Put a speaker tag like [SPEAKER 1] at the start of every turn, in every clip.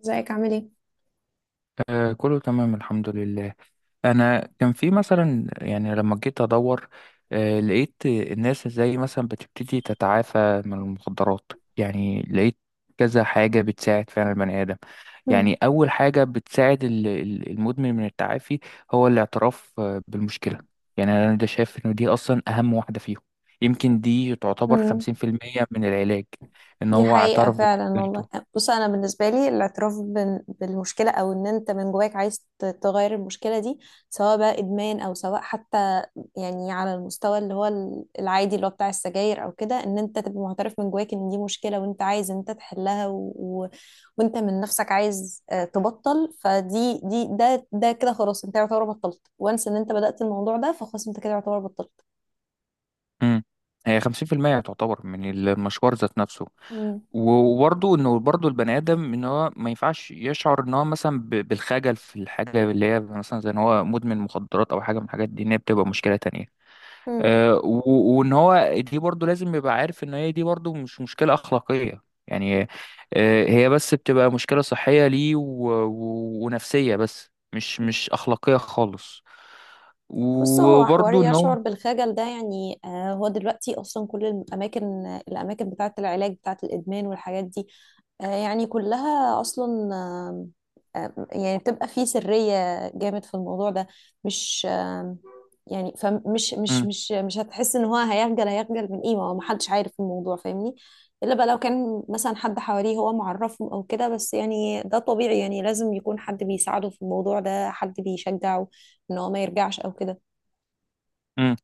[SPEAKER 1] ازيك، عامل ايه؟
[SPEAKER 2] آه كله تمام الحمد لله. انا كان في مثلا يعني لما جيت ادور، آه لقيت الناس ازاي مثلا بتبتدي تتعافى من المخدرات، يعني لقيت كذا حاجة بتساعد فعلا البني آدم.
[SPEAKER 1] مم.
[SPEAKER 2] يعني أول حاجة بتساعد المدمن من التعافي هو الاعتراف بالمشكلة. يعني أنا ده شايف إن دي أصلا أهم واحدة فيهم. يمكن دي تعتبر
[SPEAKER 1] مم.
[SPEAKER 2] 50% من العلاج، إن
[SPEAKER 1] دي
[SPEAKER 2] هو
[SPEAKER 1] حقيقة
[SPEAKER 2] اعترف
[SPEAKER 1] فعلا والله.
[SPEAKER 2] بمشكلته.
[SPEAKER 1] بص، أنا بالنسبة لي الاعتراف بالمشكلة، أو إن أنت من جواك عايز تغير المشكلة دي، سواء بقى إدمان أو سواء حتى يعني على المستوى اللي هو العادي، اللي هو بتاع السجاير أو كده، إن أنت تبقى معترف من جواك إن دي مشكلة وأنت عايز إن أنت تحلها، وأنت من نفسك عايز تبطل، فدي دي ده ده كده خلاص، أنت يعتبر بطلت، وانس إن أنت بدأت الموضوع ده، فخلاص أنت كده يعتبر بطلت.
[SPEAKER 2] مم. هي 50% تعتبر من المشوار ذات نفسه.
[SPEAKER 1] مم.
[SPEAKER 2] وبرضه انه برضه البني ادم ان هو ما ينفعش يشعر ان هو مثلا بالخجل في الحاجه اللي هي مثلا زي ان هو مدمن مخدرات او حاجه من الحاجات دي، ان هي بتبقى مشكله تانية.
[SPEAKER 1] مم.
[SPEAKER 2] أه وان هو دي برضه لازم يبقى عارف ان هي دي برضه مش مشكله اخلاقيه، يعني أه هي بس بتبقى مشكله صحيه ليه ونفسيه بس مش اخلاقيه خالص.
[SPEAKER 1] بص، هو حوار
[SPEAKER 2] وبرضه ان هو
[SPEAKER 1] يشعر بالخجل ده يعني هو دلوقتي اصلا كل الاماكن بتاعه العلاج بتاعه الادمان والحاجات دي يعني كلها اصلا، يعني بتبقى فيه سريه جامد في الموضوع ده، مش يعني فمش مش مش مش هتحس ان هو هيخجل من ايه؟ ما هو محدش عارف الموضوع، فاهمني؟ الا بقى لو كان مثلا حد حواليه هو معرفهم او كده، بس يعني ده طبيعي، يعني لازم يكون حد بيساعده في الموضوع ده، حد بيشجعه ان هو ما يرجعش او كده.
[SPEAKER 2] مم،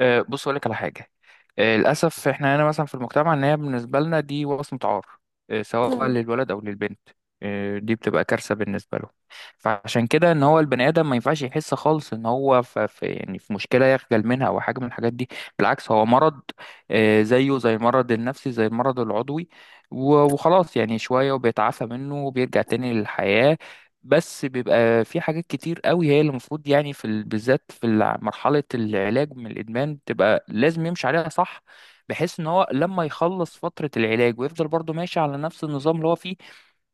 [SPEAKER 2] آه، بص اقول لك على حاجه. آه، للاسف احنا هنا مثلا في المجتمع ان هي بالنسبه لنا دي وصمه عار، آه، سواء
[SPEAKER 1] مم.
[SPEAKER 2] للولد او للبنت. آه، دي بتبقى كارثه بالنسبه له. فعشان كده ان هو البني ادم ما ينفعش يحس خالص ان هو في يعني في مشكله يخجل منها او حاجه من الحاجات دي. بالعكس هو مرض، آه، زيه زي المرض النفسي زي المرض العضوي. وخلاص يعني شويه وبيتعافى منه وبيرجع تاني للحياه. بس بيبقى في حاجات كتير قوي هي اللي المفروض يعني في بالذات في مرحلة العلاج من الإدمان بتبقى لازم يمشي عليها صح، بحيث إن هو لما يخلص فترة العلاج ويفضل برضه ماشي على نفس النظام اللي هو فيه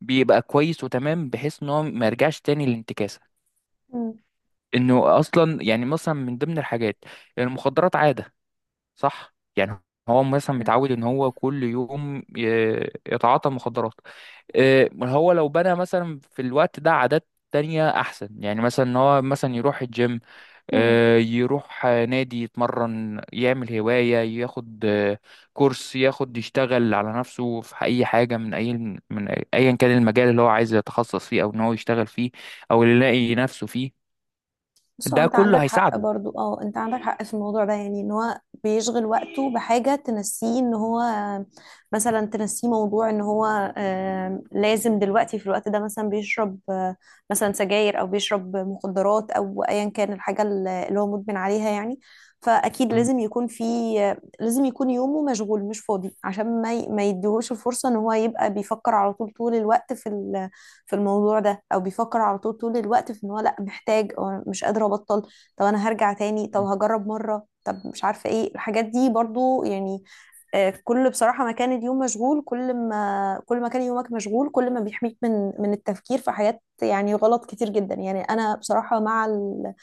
[SPEAKER 2] بيبقى كويس وتمام، بحيث إن هو ما يرجعش تاني للانتكاسة.
[SPEAKER 1] مم.
[SPEAKER 2] إنه أصلا يعني مثلا من ضمن الحاجات، المخدرات عادة صح يعني. هو مثلا متعود إن هو كل يوم يتعاطى مخدرات. إيه، هو لو بنى مثلا في الوقت ده عادات تانية أحسن، يعني مثلا إن هو مثلا يروح الجيم،
[SPEAKER 1] مم.
[SPEAKER 2] آه، يروح آه، نادي يتمرن يعمل هواية، ياخد آه، كورس، ياخد يشتغل على نفسه في أي حاجة من أي أيا كان المجال اللي هو عايز يتخصص فيه أو إن هو يشتغل فيه أو اللي يلاقي نفسه فيه.
[SPEAKER 1] بس هو
[SPEAKER 2] ده
[SPEAKER 1] انت عندك
[SPEAKER 2] كله
[SPEAKER 1] حق
[SPEAKER 2] هيساعده.
[SPEAKER 1] برضو، انت عندك حق في الموضوع ده، يعني ان هو بيشغل وقته بحاجة تنسيه ان هو، مثلا تنسيه موضوع ان هو لازم دلوقتي في الوقت ده مثلا بيشرب مثلا سجاير او بيشرب مخدرات او ايا كان الحاجة اللي هو مدمن عليها يعني، فاكيد
[SPEAKER 2] م-
[SPEAKER 1] لازم يكون في لازم يكون يومه مشغول مش فاضي عشان ما ما يديهوش الفرصة ان هو يبقى بيفكر على طول طول الوقت في الموضوع ده، او بيفكر على طول طول الوقت في ان هو لا محتاج او مش قادر ابطل، طب انا هرجع تاني، طب
[SPEAKER 2] م-
[SPEAKER 1] هجرب مرة، طب مش عارفة ايه الحاجات دي برضو يعني. كل بصراحة ما كان اليوم مشغول، كل ما كان يومك مشغول، كل ما بيحميك من التفكير في حاجات يعني غلط كتير جدا. يعني أنا بصراحة مع ال...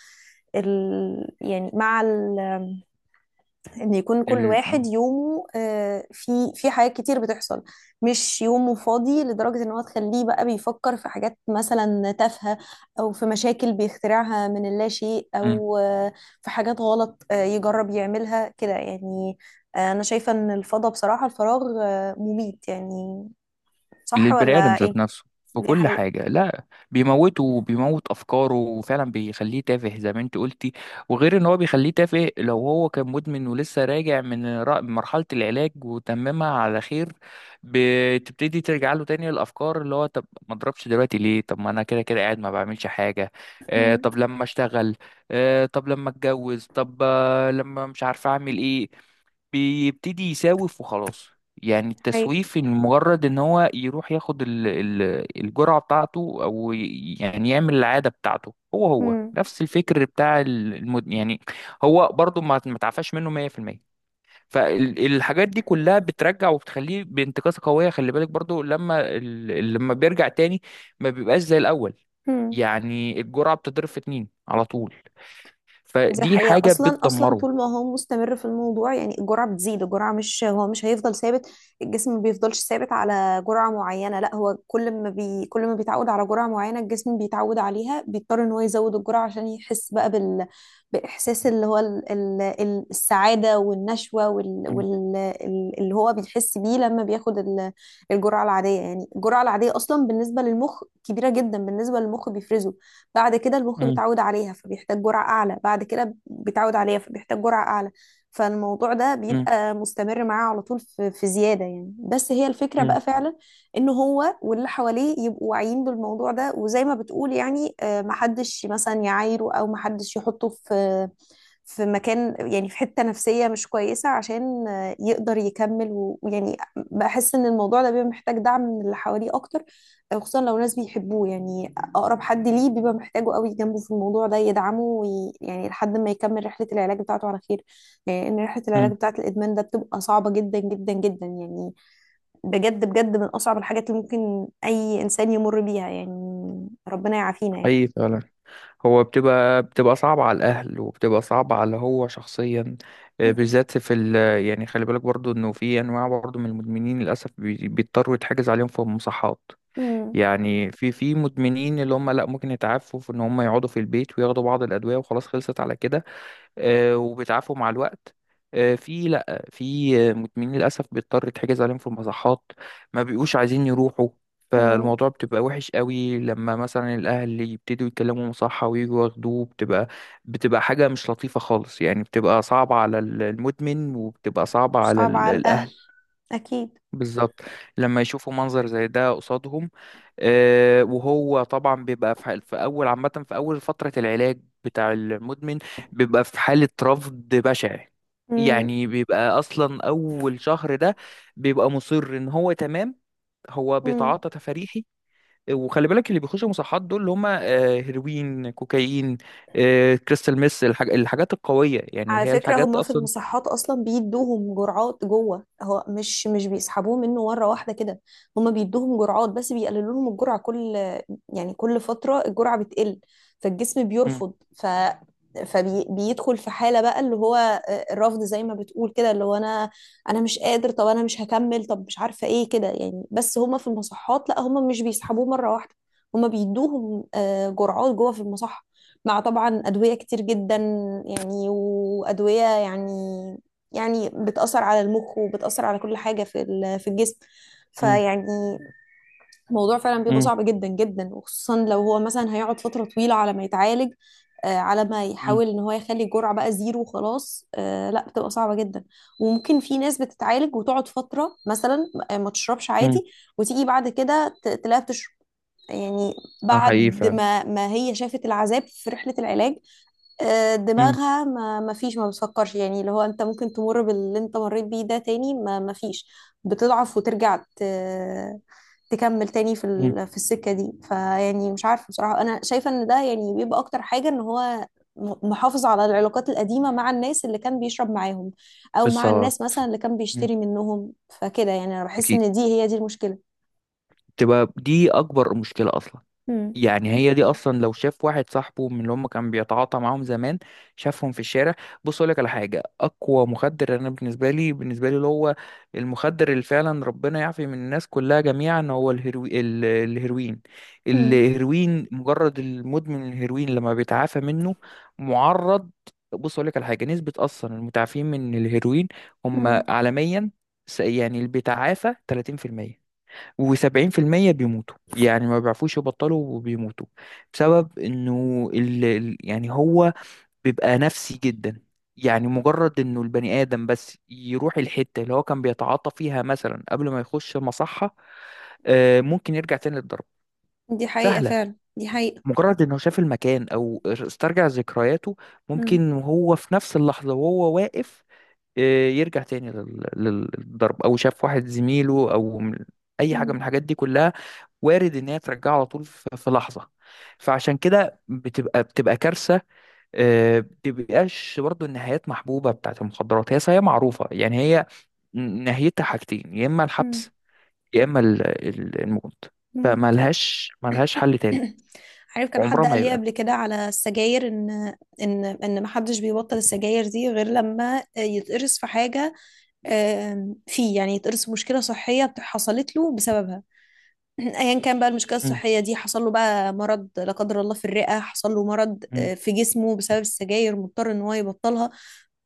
[SPEAKER 1] ال... يعني مع ان يكون كل
[SPEAKER 2] ال...
[SPEAKER 1] واحد يومه في حاجات كتير بتحصل، مش يومه فاضي لدرجة ان هو تخليه بقى بيفكر في حاجات مثلا تافهة، او في مشاكل بيخترعها من اللا شيء،
[SPEAKER 2] م-
[SPEAKER 1] او في حاجات غلط يجرب يعملها كده يعني. انا شايفة ان الفضا، بصراحة، الفراغ مميت يعني. صح
[SPEAKER 2] للبني ادم
[SPEAKER 1] ولا
[SPEAKER 2] ذات
[SPEAKER 1] ايه؟
[SPEAKER 2] نفسه في
[SPEAKER 1] دي
[SPEAKER 2] كل
[SPEAKER 1] حقيقة.
[SPEAKER 2] حاجه لا، بيموته وبيموت افكاره وفعلا بيخليه تافه زي ما انت قلتي. وغير ان هو بيخليه تافه، لو هو كان مدمن ولسه راجع من مرحله العلاج وتممها على خير، بتبتدي ترجع له تاني الافكار اللي هو طب ما اضربش دلوقتي ليه، طب ما انا كده كده قاعد ما بعملش حاجه، آه
[SPEAKER 1] مم.
[SPEAKER 2] طب لما اشتغل، آه طب لما اتجوز، طب آه لما مش عارف اعمل ايه. بيبتدي يساوف وخلاص. يعني
[SPEAKER 1] دي حقيقة.
[SPEAKER 2] التسويف، إن مجرد ان هو يروح ياخد الجرعة بتاعته او يعني يعمل العادة بتاعته، هو
[SPEAKER 1] مم.
[SPEAKER 2] نفس الفكر بتاع يعني. هو برضو ما تعفاش منه 100%. فالحاجات دي كلها بترجع وبتخليه بانتكاسة قوية. خلي بالك برضو لما لما بيرجع تاني ما بيبقاش زي الأول،
[SPEAKER 1] مم.
[SPEAKER 2] يعني الجرعة بتضرب في اتنين على طول.
[SPEAKER 1] دي
[SPEAKER 2] فدي
[SPEAKER 1] حقيقة،
[SPEAKER 2] حاجة
[SPEAKER 1] أصلا أصلا
[SPEAKER 2] بتدمره.
[SPEAKER 1] طول ما هو مستمر في الموضوع، يعني الجرعة بتزيد. الجرعة، مش هو مش هيفضل ثابت، الجسم ما بيفضلش ثابت على جرعة معينة. لا، هو كل ما بيتعود على جرعة معينة الجسم بيتعود عليها، بيضطر إن هو يزود الجرعة عشان يحس بقى بال، بإحساس اللي هو السعادة والنشوة
[SPEAKER 2] م-
[SPEAKER 1] اللي هو بيحس بيه لما بياخد الجرعة العادية. يعني الجرعة العادية أصلا بالنسبة للمخ كبيرة جدا، بالنسبة للمخ بيفرزه، بعد كده المخ
[SPEAKER 2] م-
[SPEAKER 1] بيتعود عليها فبيحتاج جرعة أعلى، بعد كده بيتعود عليها فبيحتاج جرعة أعلى. فالموضوع ده
[SPEAKER 2] م-
[SPEAKER 1] بيبقى مستمر معاه على طول، في زيادة يعني. بس هي الفكرة بقى
[SPEAKER 2] م-
[SPEAKER 1] فعلا إن هو واللي حواليه يبقوا واعيين بالموضوع ده، وزي ما بتقول يعني محدش مثلا يعايره أو محدش يحطه في في مكان، يعني في حتة نفسية مش كويسة، عشان يقدر يكمل ويعني بحس ان الموضوع ده بيبقى محتاج دعم من اللي حواليه اكتر، خصوصا لو ناس بيحبوه، يعني اقرب حد ليه بيبقى محتاجه قوي جنبه في الموضوع ده يدعمه يعني لحد ما يكمل رحلة العلاج بتاعته على خير، يعني ان رحلة
[SPEAKER 2] م.
[SPEAKER 1] العلاج بتاعة الادمان ده بتبقى صعبة جدا جدا جدا يعني. بجد بجد من اصعب الحاجات اللي ممكن اي انسان يمر بيها، يعني ربنا يعافينا يعني.
[SPEAKER 2] اي فعلا. هو بتبقى صعبة على الاهل وبتبقى صعبة على هو شخصيا، آه،
[SPEAKER 1] مهم.
[SPEAKER 2] بالذات في ال... يعني خلي بالك برضو انه في انواع برضو من المدمنين للاسف بيضطروا يتحجز عليهم في المصحات.
[SPEAKER 1] مم.
[SPEAKER 2] يعني في مدمنين اللي هم لا ممكن يتعافوا في ان هم يقعدوا في البيت وياخدوا بعض الادوية وخلاص خلصت على كده، آه، وبتعافوا مع الوقت. آه، في لا، في آه، مدمنين للاسف بيضطر يتحجز عليهم في المصحات، ما بيبقوش عايزين يروحوا.
[SPEAKER 1] مم.
[SPEAKER 2] فالموضوع بتبقى وحش قوي لما مثلا الاهل يبتدوا يتكلموا مصحة ويجوا ياخدوه، بتبقى حاجة مش لطيفة خالص، يعني بتبقى صعبة على المدمن وبتبقى صعبة على
[SPEAKER 1] صعب على
[SPEAKER 2] الاهل.
[SPEAKER 1] الاهل، اكيد.
[SPEAKER 2] بالظبط. لما يشوفوا منظر زي ده قصادهم، آه، وهو طبعا بيبقى في في اول عامه في اول فتره العلاج بتاع المدمن بيبقى في حاله رفض بشع،
[SPEAKER 1] مم.
[SPEAKER 2] يعني بيبقى اصلا اول شهر ده بيبقى مصر ان هو تمام، هو
[SPEAKER 1] مم.
[SPEAKER 2] بيتعاطى تفريحي. وخلي بالك اللي بيخشوا مصحات دول اللي هم آه، هيروين، كوكايين، آه، كريستال ميس، الحاجات القويه يعني اللي
[SPEAKER 1] على
[SPEAKER 2] هي
[SPEAKER 1] فكرة
[SPEAKER 2] الحاجات
[SPEAKER 1] هما في
[SPEAKER 2] اصلا.
[SPEAKER 1] المصحات أصلا بيدوهم جرعات جوه، هو مش بيسحبوه منه مرة واحدة كده. هما بيدوهم جرعات، بس بيقللوا لهم الجرعة كل، يعني كل فترة الجرعة بتقل، فالجسم
[SPEAKER 2] امم.
[SPEAKER 1] بيرفض، فبيدخل في حالة بقى اللي هو الرفض، زي ما بتقول كده، اللي هو أنا أنا مش قادر، طب أنا مش هكمل، طب مش عارفة إيه كده يعني. بس هما في المصحات لا، هما مش بيسحبوه مرة واحدة، هما بيدوهم جرعات جوه في المصحة، مع طبعا أدوية كتير جدا، يعني وأدوية يعني، يعني بتأثر على المخ وبتأثر على كل حاجة في الجسم،
[SPEAKER 2] امم.
[SPEAKER 1] فيعني الموضوع فعلا بيبقى
[SPEAKER 2] امم.
[SPEAKER 1] صعب جدا جدا، وخصوصا لو هو مثلا هيقعد فترة طويلة على ما يتعالج، على ما يحاول ان هو يخلي الجرعة بقى زيرو وخلاص. لا، بتبقى صعبة جدا. وممكن في ناس بتتعالج وتقعد فترة مثلا ما تشربش عادي،
[SPEAKER 2] امم.
[SPEAKER 1] وتيجي بعد كده تلاقيها بتشرب يعني،
[SPEAKER 2] اه حقيقي
[SPEAKER 1] بعد
[SPEAKER 2] فعلا.
[SPEAKER 1] ما هي شافت العذاب في رحلة العلاج، دماغها ما فيش ما بتفكرش، يعني اللي هو انت ممكن تمر باللي انت مريت بيه ده تاني، ما فيش، بتضعف وترجع تكمل تاني في
[SPEAKER 2] مم،
[SPEAKER 1] ال... في السكة دي، فيعني مش عارفة بصراحة، انا شايفة ان ده يعني بيبقى اكتر حاجة ان هو محافظ على العلاقات القديمة مع الناس اللي كان بيشرب معاهم، او مع
[SPEAKER 2] بالظبط.
[SPEAKER 1] الناس مثلا اللي كان
[SPEAKER 2] مم.
[SPEAKER 1] بيشتري منهم، فكده يعني، انا بحس
[SPEAKER 2] اكيد.
[SPEAKER 1] ان دي هي دي المشكلة.
[SPEAKER 2] تبقى دي اكبر مشكله اصلا.
[SPEAKER 1] مم.
[SPEAKER 2] يعني هي دي اصلا لو شاف واحد صاحبه من اللي هم كان بيتعاطى معاهم زمان، شافهم في الشارع. بص اقول لك على حاجه. اقوى مخدر انا بالنسبه لي اللي هو، المخدر اللي فعلا ربنا يعفي من الناس كلها جميعا هو الهيروين.
[SPEAKER 1] مم.
[SPEAKER 2] الهيروين مجرد المدمن الهيروين لما بيتعافى منه معرض. بص اقول لك على حاجه، نسبه اصلا المتعافين من الهيروين هم
[SPEAKER 1] مم.
[SPEAKER 2] عالميا، يعني اللي بيتعافى 30%، وسبعين في المية بيموتوا، يعني ما بيعرفوش يبطلوا وبيموتوا. بسبب انه يعني هو بيبقى نفسي جدا، يعني مجرد انه البني ادم بس يروح الحتة اللي هو كان بيتعاطى فيها مثلا قبل ما يخش المصحة، آه، ممكن يرجع تاني للضرب
[SPEAKER 1] دي حقيقة
[SPEAKER 2] سهلة.
[SPEAKER 1] فعلا، دي حقيقة.
[SPEAKER 2] مجرد انه شاف المكان او استرجع ذكرياته،
[SPEAKER 1] مم.
[SPEAKER 2] ممكن وهو في نفس اللحظة وهو واقف، آه، يرجع تاني للضرب، او شاف واحد زميله او اي حاجة
[SPEAKER 1] مم.
[SPEAKER 2] من الحاجات دي كلها، وارد ان هي ترجعه على طول في لحظه. فعشان كده بتبقى كارثه. آه، بتبقاش برضو النهايات محبوبه بتاعت المخدرات، هي معروفه يعني، هي نهايتها حاجتين، يا اما
[SPEAKER 1] مم.
[SPEAKER 2] الحبس يا اما الموت.
[SPEAKER 1] موت.
[SPEAKER 2] فملهاش حل تالت
[SPEAKER 1] عارف، كان
[SPEAKER 2] عمرها
[SPEAKER 1] حد
[SPEAKER 2] ما
[SPEAKER 1] قال لي
[SPEAKER 2] يبقى.
[SPEAKER 1] قبل كده على السجاير ان ان ما حدش بيبطل السجاير دي غير لما يتقرص في حاجه، فيه يعني، يتقرص في مشكله صحيه حصلت له بسببها. ايا كان بقى المشكله
[SPEAKER 2] مم.
[SPEAKER 1] الصحيه دي، حصل له بقى مرض لا قدر الله في الرئه، حصل له مرض في جسمه بسبب السجاير، مضطر ان هو يبطلها.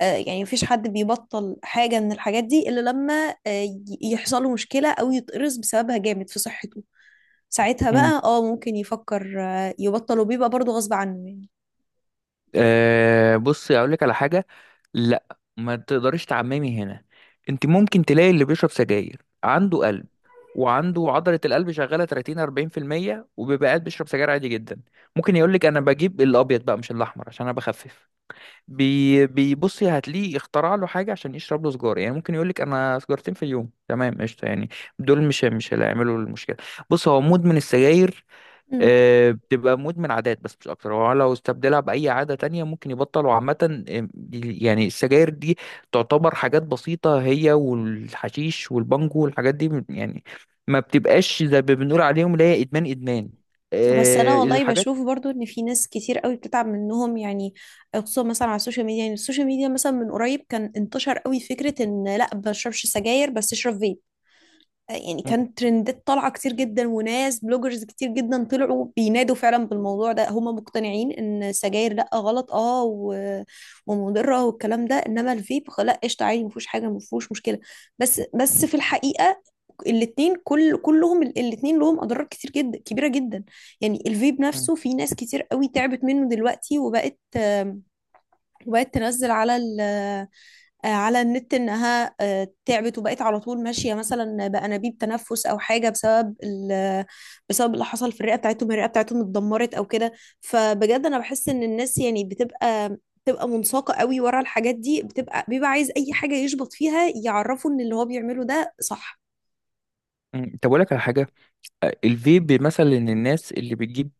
[SPEAKER 1] يعني مفيش حد بيبطل حاجه من الحاجات دي الا لما يحصل له مشكله او يتقرص بسببها جامد في صحته، ساعتها
[SPEAKER 2] مم.
[SPEAKER 1] بقى ممكن يفكر يبطل، وبيبقى برضو غصب عنه يعني.
[SPEAKER 2] أه، بصي اقول لك على حاجه. لا ما تقدريش تعممي هنا. انت ممكن تلاقي اللي بيشرب سجاير عنده قلب وعنده عضله القلب شغاله 30 40%، وبيبقى قاعد بيشرب سجاير عادي جدا. ممكن يقول لك انا بجيب الابيض بقى مش الاحمر عشان انا بخفف. بيبصي هتلاقيه اخترع له حاجه عشان يشرب له سجاره. يعني ممكن يقول لك انا سجارتين في اليوم تمام قشطه يعني. دول مش اللي هيعملوا المشكله. بص، هو مدمن السجاير
[SPEAKER 1] مم.
[SPEAKER 2] آه، بتبقى مدمن عادات بس مش اكتر. هو لو استبدلها باي عاده تانية ممكن يبطل، وعامه آه، يعني السجاير دي تعتبر حاجات بسيطه هي والحشيش والبانجو والحاجات دي يعني ما بتبقاش زي ما بنقول عليهم اللي هي ادمان ادمان،
[SPEAKER 1] بس
[SPEAKER 2] آه،
[SPEAKER 1] انا والله
[SPEAKER 2] الحاجات.
[SPEAKER 1] بشوف برضو ان في ناس كتير قوي بتتعب منهم يعني، خصوصا مثلا على السوشيال ميديا. يعني السوشيال ميديا مثلا من قريب كان انتشر قوي فكرة ان لا ما تشربش سجاير بس اشرب فيب، يعني
[SPEAKER 2] م-
[SPEAKER 1] كانت ترندات طالعة كتير جدا، وناس بلوجرز كتير جدا طلعوا بينادوا فعلا بالموضوع ده، هم مقتنعين ان السجاير لا، غلط ومضرة والكلام ده، انما الفيب لا قشطة، عادي، مفيهوش حاجة، مفيهوش مشكلة. بس في الحقيقة الاتنين، كلهم الاتنين لهم اضرار كتير جدا كبيرة جدا. يعني الفيب
[SPEAKER 2] م-
[SPEAKER 1] نفسه في ناس كتير قوي تعبت منه دلوقتي، وبقت وبقت تنزل على ال آه، على النت انها تعبت، وبقت على طول ماشيه مثلا بانابيب تنفس او حاجه، بسبب بسبب اللي حصل في الرئه بتاعتهم، الرئه بتاعتهم اتدمرت او كده. فبجد انا بحس ان الناس يعني بتبقى منساقه قوي ورا الحاجات دي، بتبقى بيبقى عايز اي حاجه يشبط فيها يعرفوا ان اللي هو بيعمله ده صح.
[SPEAKER 2] م. طب اقول لك على حاجه. آه، الفيب مثلا الناس اللي بتجيب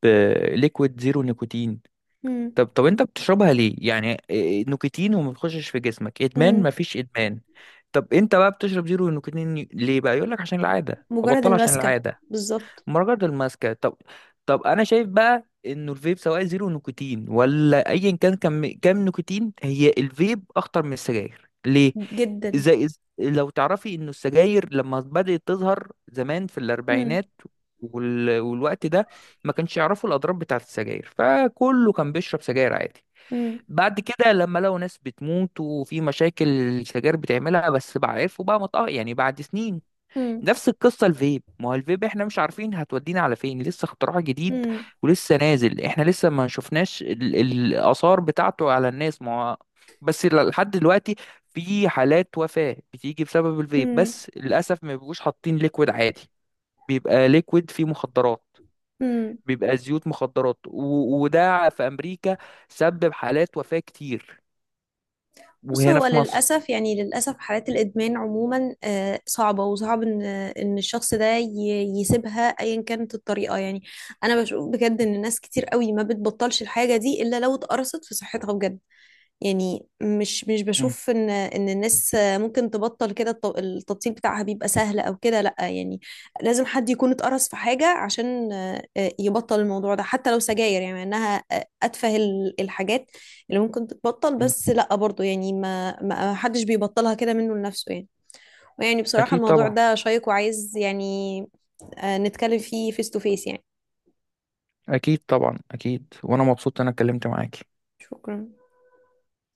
[SPEAKER 2] ليكويد زيرو نيكوتين.
[SPEAKER 1] مم.
[SPEAKER 2] طب انت بتشربها ليه؟ يعني إيه، نيكوتين وما بتخشش في جسمك ادمان؟
[SPEAKER 1] مم.
[SPEAKER 2] مفيش ادمان. طب انت بقى بتشرب زيرو نيكوتين ليه بقى؟ يقول لك عشان العاده
[SPEAKER 1] مجرد
[SPEAKER 2] ابطلها عشان
[SPEAKER 1] المسكه.
[SPEAKER 2] العاده.
[SPEAKER 1] بالظبط.
[SPEAKER 2] مراجعة الماسكة طب، طب انا شايف بقى انه الفيب سواء زيرو نيكوتين ولا ايا كان كام نيكوتين، هي الفيب اخطر من السجاير. ليه؟
[SPEAKER 1] جدا.
[SPEAKER 2] زي لو تعرفي انه السجاير لما بدأت تظهر زمان في
[SPEAKER 1] مم.
[SPEAKER 2] الاربعينات والوقت ده، ما كانش يعرفوا الاضرار بتاعه السجاير، فكله كان بيشرب سجاير عادي.
[SPEAKER 1] مم.
[SPEAKER 2] بعد كده لما لقوا ناس بتموت وفي مشاكل السجاير بتعملها بس، بقى عرفوا بقى مطأ يعني، بعد سنين.
[SPEAKER 1] مم.
[SPEAKER 2] نفس القصة الفيب. ما هو الفيب احنا مش عارفين هتودينا على فين، لسه اختراع جديد
[SPEAKER 1] مم.
[SPEAKER 2] ولسه نازل. احنا لسه ما شفناش الآثار بتاعته على الناس ما هو. بس لحد دلوقتي في حالات وفاة بتيجي بسبب الفيب،
[SPEAKER 1] مم.
[SPEAKER 2] بس للأسف ما بيبقوش حاطين ليكويد عادي، بيبقى ليكويد فيه مخدرات،
[SPEAKER 1] مم.
[SPEAKER 2] بيبقى زيوت مخدرات، وده في أمريكا سبب حالات وفاة كتير.
[SPEAKER 1] بص،
[SPEAKER 2] وهنا
[SPEAKER 1] هو
[SPEAKER 2] في مصر.
[SPEAKER 1] للأسف، يعني للأسف، حالات الإدمان عموما صعبة، وصعب إن الشخص ده يسيبها أيا كانت الطريقة يعني. أنا بشوف بجد إن ناس كتير قوي ما بتبطلش الحاجة دي إلا لو اتقرصت في صحتها بجد. يعني مش
[SPEAKER 2] مم.
[SPEAKER 1] بشوف ان الناس ممكن تبطل كده، التبطيل بتاعها بيبقى سهل او كده، لا، يعني لازم حد يكون اتقرص في حاجة عشان يبطل الموضوع ده، حتى لو سجاير يعني، مع انها اتفه الحاجات اللي ممكن تتبطل،
[SPEAKER 2] مم.
[SPEAKER 1] بس لا برضو، يعني ما حدش بيبطلها كده منه لنفسه يعني. ويعني بصراحة
[SPEAKER 2] أكيد
[SPEAKER 1] الموضوع
[SPEAKER 2] طبعا.
[SPEAKER 1] ده شيق وعايز يعني نتكلم فيه فيس تو فيس يعني.
[SPEAKER 2] أكيد طبعا، أكيد. وأنا مبسوط إن أنا اتكلمت معاك.
[SPEAKER 1] شكرا.